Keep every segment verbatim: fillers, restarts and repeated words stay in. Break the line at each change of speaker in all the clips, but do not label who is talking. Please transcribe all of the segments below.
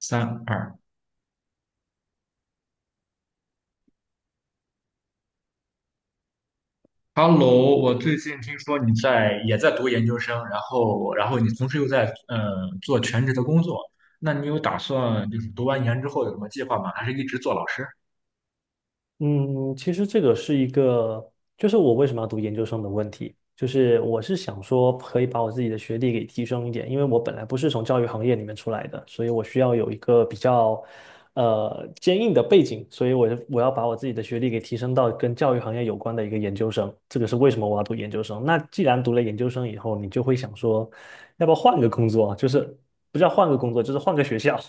三二，Hello，我最近听说你在也在读研究生，然后然后你同时又在呃做全职的工作，那你有打算就是读完研之后有什么计划吗？还是一直做老师？
嗯，其实这个是一个，就是我为什么要读研究生的问题，就是我是想说可以把我自己的学历给提升一点，因为我本来不是从教育行业里面出来的，所以我需要有一个比较呃坚硬的背景，所以我就我要把我自己的学历给提升到跟教育行业有关的一个研究生，这个是为什么我要读研究生。那既然读了研究生以后，你就会想说，要不要换个工作啊，就是不叫换个工作，就是换个学校。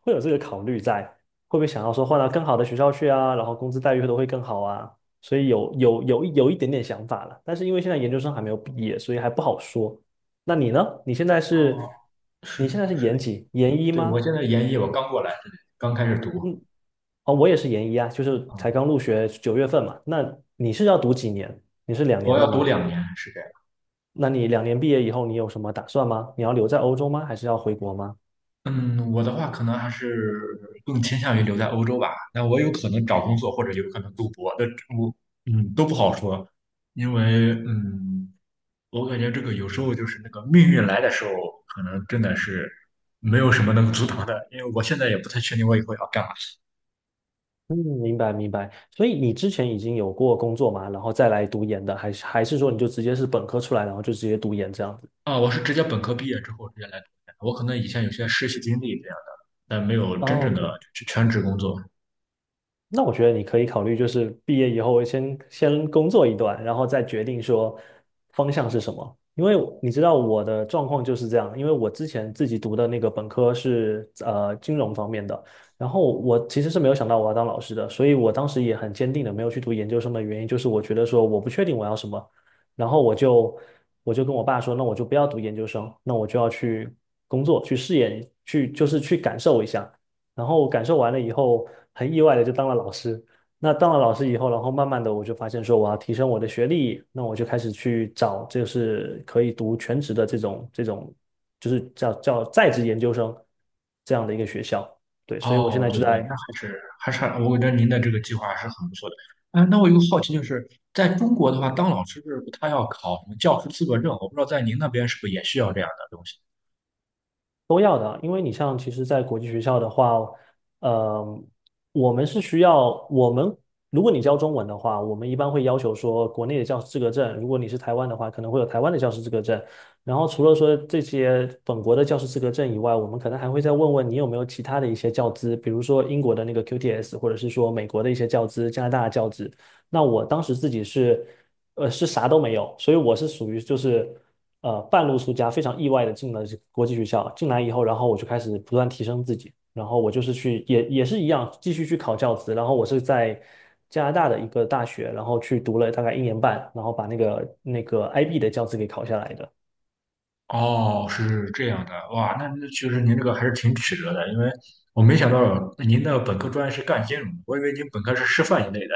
会有这个考虑在，会不会想要说换到更好的学校去啊，然后工资待遇都会更好啊，所以有有有有一点点想法了，但是因为现在研究生还没有毕业，所以还不好说。那你呢？你现在
哦，
是，你现在是
是，
研几？研一
对，我
吗？
现在研一，我刚过来，刚开始读
嗯，哦，我也是研一啊，就是才
啊，
刚入学九月份嘛。那你是要读几年？你是两
我
年
要
的
读
吗？
两年，是这样。
那你两年毕业以后，你有什么打算吗？你要留在欧洲吗？还是要回国吗？
嗯，我的话可能还是更倾向于留在欧洲吧。那我有可能找工作，或者有可能读博的，我嗯都不好说，因为嗯，我感觉这个有时候就是那个命运来的时候，可能真的是没有什么能阻挡的。因为我现在也不太确定我以后要干嘛
嗯，明白明白。所以你之前已经有过工作嘛，然后再来读研的，还是还是说你就直接是本科出来，然后就直接读研这样子？
啊。我是直接本科毕业之后直接来读的，我可能以前有些实习经历这样的，但没有真
哦
正的
，OK。
去全职工作。
那我觉得你可以考虑，就是毕业以后先先工作一段，然后再决定说方向是什么。因为你知道我的状况就是这样，因为我之前自己读的那个本科是呃金融方面的，然后我其实是没有想到我要当老师的，所以我当时也很坚定的没有去读研究生的原因就是我觉得说我不确定我要什么，然后我就我就跟我爸说，那我就不要读研究生，那我就要去工作，去试验，去就是去感受一下。然后我感受完了以后，很意外的就当了老师。那当了老师以后，然后慢慢的我就发现说我要提升我的学历，那我就开始去找就是可以读全职的这种这种，就是叫叫在职研究生这样的一个学校。对，所以我现
哦，
在
对
就
对，那
在
还是还是我觉得您的这个计划还是很不错的。哎，那我有个好奇，就是在中国的话，当老师是不他要考什么教师资格证？我不知道在您那边是不是也需要这样的东西？
都要的啊，因为你像其实，在国际学校的话，呃，我们是需要我们，如果你教中文的话，我们一般会要求说国内的教师资格证，如果你是台湾的话，可能会有台湾的教师资格证。然后除了说这些本国的教师资格证以外，我们可能还会再问问你有没有其他的一些教资，比如说英国的那个 Q T S,或者是说美国的一些教资、加拿大的教资，那我当时自己是，呃，是啥都没有，所以我是属于就是，呃，半路出家，非常意外的进了这个国际学校。进来以后，然后我就开始不断提升自己，然后我就是去也也是一样，继续去考教资。然后我是在加拿大的一个大学，然后去读了大概一年半，然后把那个那个 I B 的教资给考下来的。
哦，是这样的，哇，那那其实您这个还是挺曲折的，因为我没想到您的本科专业是干金融的，我以为您本科是师范一类的。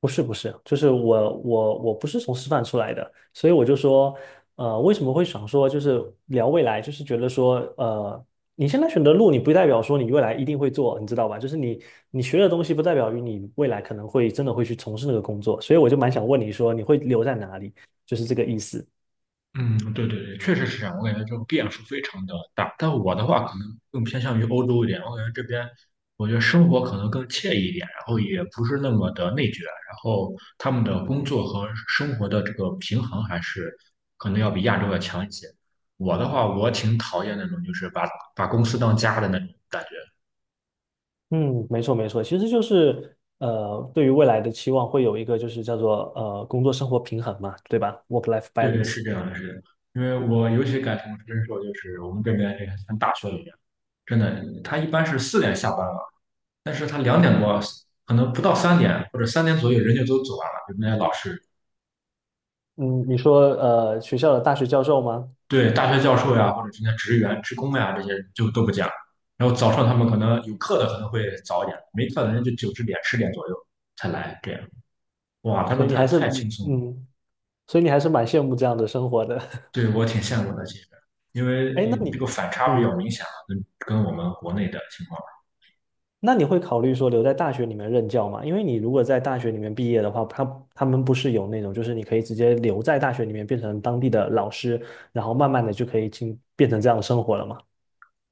不是不是，就是我我我不是从师范出来的，所以我就说，呃，为什么会想说就是聊未来，就是觉得说，呃，你现在选的路，你不代表说你未来一定会做，你知道吧？就是你你学的东西，不代表于你未来可能会真的会去从事那个工作，所以我就蛮想问你说，你会留在哪里？就是这个意思。
嗯，对对对，确实是这样。我感觉这个变数非常的大，但我的话可能更偏向于欧洲一点。我感觉这边，我觉得生活可能更惬意一点，然后也不是那么的内卷，然后他们的工作和生活的这个平衡还是可能要比亚洲要强一些。我的话，我挺讨厌那种就是把把公司当家的那种感觉。
嗯，没错没错，其实就是呃，对于未来的期望会有一个就是叫做呃工作生活平衡嘛，对吧？Work-life
对对，
balance。
是这样的，是的。因为我尤其感同身受，就是我们这边这个像大学里面，真的，他一般是四点下班，但是他两点多，可能不到三点或者三点左右，人就都走完了。比如那些老师，
嗯，你说呃学校的大学教授吗？
对大学教授呀，或者是那些职员、职工呀，这些人就都不见了。然后早上他们可能有课的可能会早一点，没课的人就九十点、十点左右才来。这样，哇，他
所
们
以你
太
还是
太轻
嗯，
松了，
嗯所以你还是蛮羡慕这样的生活的。
对我挺羡慕的。其实，因为
哎，那
呃这个
你
反差比较
嗯，
明显了，跟跟我们国内的情况。
那你会考虑说留在大学里面任教吗？因为你如果在大学里面毕业的话，他他们不是有那种，就是你可以直接留在大学里面变成当地的老师，然后慢慢的就可以进变成这样的生活了吗？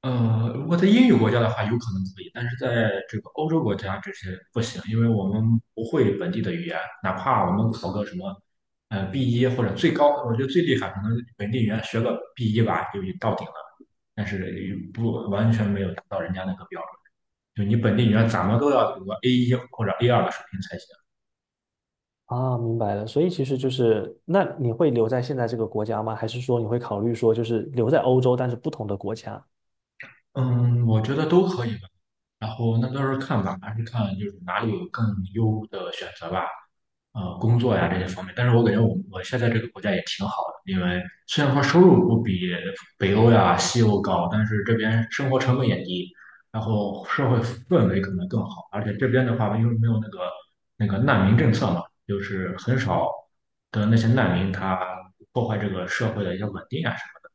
呃，如果在英语国家的话，有可能可以，但是在这个欧洲国家这些不行，因为我们不会本地的语言，哪怕我们考个什么，呃，B 一或者最高，我觉得最厉害可能本地语言学个 B 一吧，就已经到顶了，但是也不完全没有达到人家那个标准，就你本地语言怎么都要有个 A 一或者 A 二的水平才行。
啊，明白了。所以其实就是，那你会留在现在这个国家吗？还是说你会考虑说就是留在欧洲，但是不同的国家？
嗯，我觉得都可以吧，然后那到时候看吧，还是看就是哪里有更优的选择吧。呃工作呀这些方面。但是我感觉我我现在这个国家也挺好的，因为虽然说收入不比北欧呀、西欧高，但是这边生活成本也低，然后社会氛围可能更好，而且这边的话，因为没有那个那个难民政策嘛，就是很少的那些难民他破坏这个社会的一些稳定啊什么的。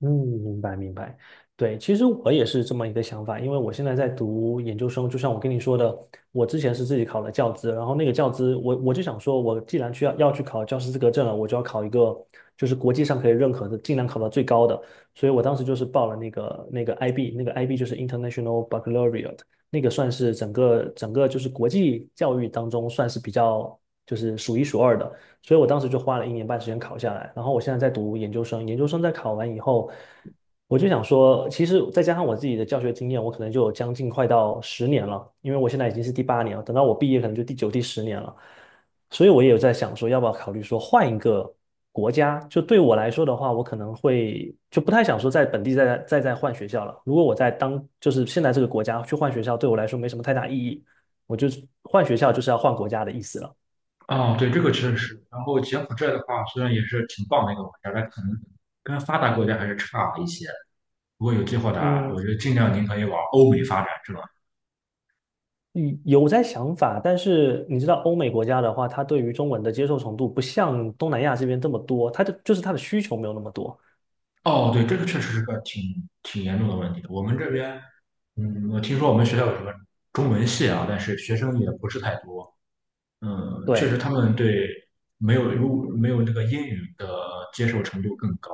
嗯，明白明白，对，其实我也是这么一个想法，因为我现在在读研究生，就像我跟你说的，我之前是自己考了教资，然后那个教资，我我就想说，我既然去要要去考教师资格证了，我就要考一个就是国际上可以认可的，尽量考到最高的，所以我当时就是报了那个那个 I B,那个 I B 就是 International Baccalaureate,那个算是整个整个就是国际教育当中算是比较就是数一数二的。所以我当时就花了一年半时间考下来，然后我现在在读研究生，研究生在考完以后，我就想说，其实再加上我自己的教学经验，我可能就有将近快到十年了，因为我现在已经是第八年了，等到我毕业可能就第九、第十年了，所以我也有在想说，要不要考虑说换一个国家？就对我来说的话，我可能会就不太想说在本地再再再换学校了。如果我在当就是现在这个国家去换学校，对我来说没什么太大意义，我就换学校就是要换国家的意思了。
哦，对，这个确实是。然后柬埔寨的话，虽然也是挺棒的一个国家，但可能跟发达国家还是差一些。如果有计划的啊，我
嗯，
觉得尽量您可以往欧美发展，是吧？
嗯有在想法，但是你知道欧美国家的话，他对于中文的接受程度不像东南亚这边这么多，他的就是他的需求没有那么多。
哦，对，这个确实是个挺挺严重的问题。我们这边，嗯，我听说我们学校有什么中文系啊，但是学生也不是太多。嗯，确实
对，
他们对没有如没有那个英语的接受程度更高，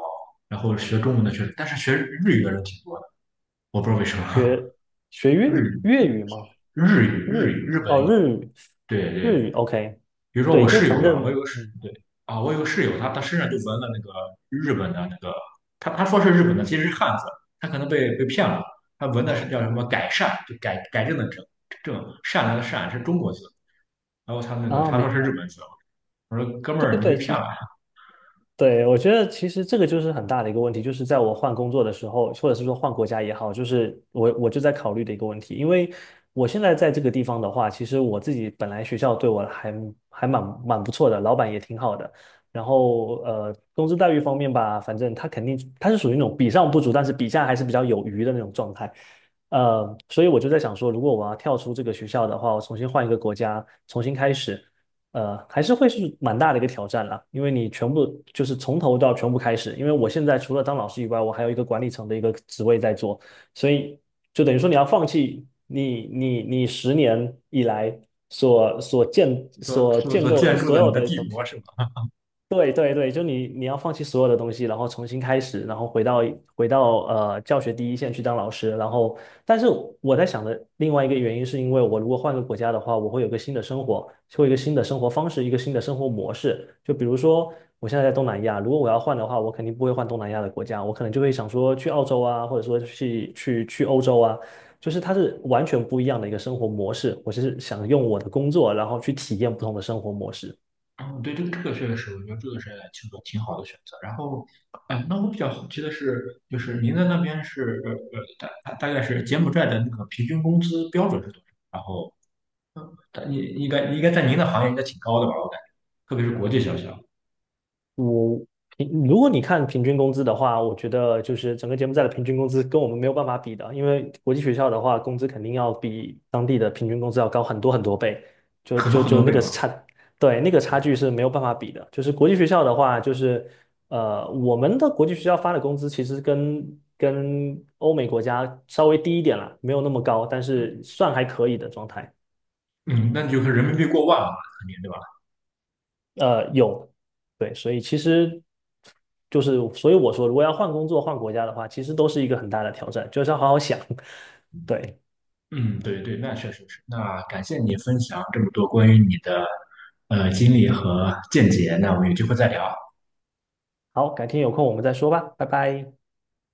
然后学中文的确实，但是学日语的人挺多的，我不知道为什么。
学学 粤
日
语
语、
粤语吗？
日语、
日
日语、
语
日本
哦，
语，
日语
对
日语
对，
OK,
比如说
对，
我
就
室友
反
吧，我
正
有个室
嗯
对啊，我有个室友，他他身上就纹了那个日本的那个，他他说是日本的，其实是汉字，他可能被被骗了，他纹的是叫什么改善，就改改正的正正善良的善是中国字，然后他那个
啊，
他说
明
是日
白。
本字，我说哥们
对对
儿你被
对，其
骗
实。
了，
对，我觉得其实这个就是很大的一个问题，就是在我换工作的时候，或者是说换国家也好，就是我我就在考虑的一个问题，因为我现在在这个地方的话，其实我自己本来学校对我还还蛮蛮不错的，老板也挺好的，然后呃，工资待遇方面吧，反正他肯定他是属于那种比上不足，但是比下还是比较有余的那种状态，呃，所以我就在想说，如果我要跳出这个学校的话，我重新换一个国家，重新开始。呃，还是会是蛮大的一个挑战啦，因为你全部就是从头到全部开始。因为我现在除了当老师以外，我还有一个管理层的一个职位在做，所以就等于说你要放弃你你你十年以来所所建
说
所
所
建
所
构的
建筑
所
的你
有
的
的
帝
东
国
西。
是吧？
对对对，就你你要放弃所有的东西，然后重新开始，然后回到回到呃教学第一线去当老师，然后但是我在想的另外一个原因是因为我如果换个国家的话，我会有个新的生活，会有一个新的生活方式，一个新的生活模式。就比如说我现在在东南亚，如果我要换的话，我肯定不会换东南亚的国家，我可能就会想说去澳洲啊，或者说去去去欧洲啊，就是它是完全不一样的一个生活模式。我是想用我的工作，然后去体验不同的生活模式。
嗯，对，这个这个确实是，我觉得这个是挺个挺好的选择。然后，哎，那我比较好奇的是，就是您在那边是呃呃大大大概是柬埔寨的那个平均工资标准是多少？然后他应应该应该在您的行业应该挺高的吧？我感觉，特别是国际学校，
我平如果你看平均工资的话，我觉得就是整个柬埔寨的平均工资跟我们没有办法比的，因为国际学校的话，工资肯定要比当地的平均工资要高很多很多倍，就
很多
就
很
就
多
那
倍
个
嘛。
差，对，那个差距是没有办法比的。就是国际学校的话，就是呃，我们的国际学校发的工资其实跟跟欧美国家稍微低一点啦，没有那么高，但是算还可以的状态。
嗯，那就是人民币过万了嘛，肯定对吧？
呃，有，对，所以其实就是，所以我说，如果要换工作、换国家的话，其实都是一个很大的挑战，就是要好好想。对，
嗯，对对，那确实是。那感谢你分享这么多关于你的呃经历和见解，那我们有机会再聊。
好，改天有空我们再说吧，拜拜。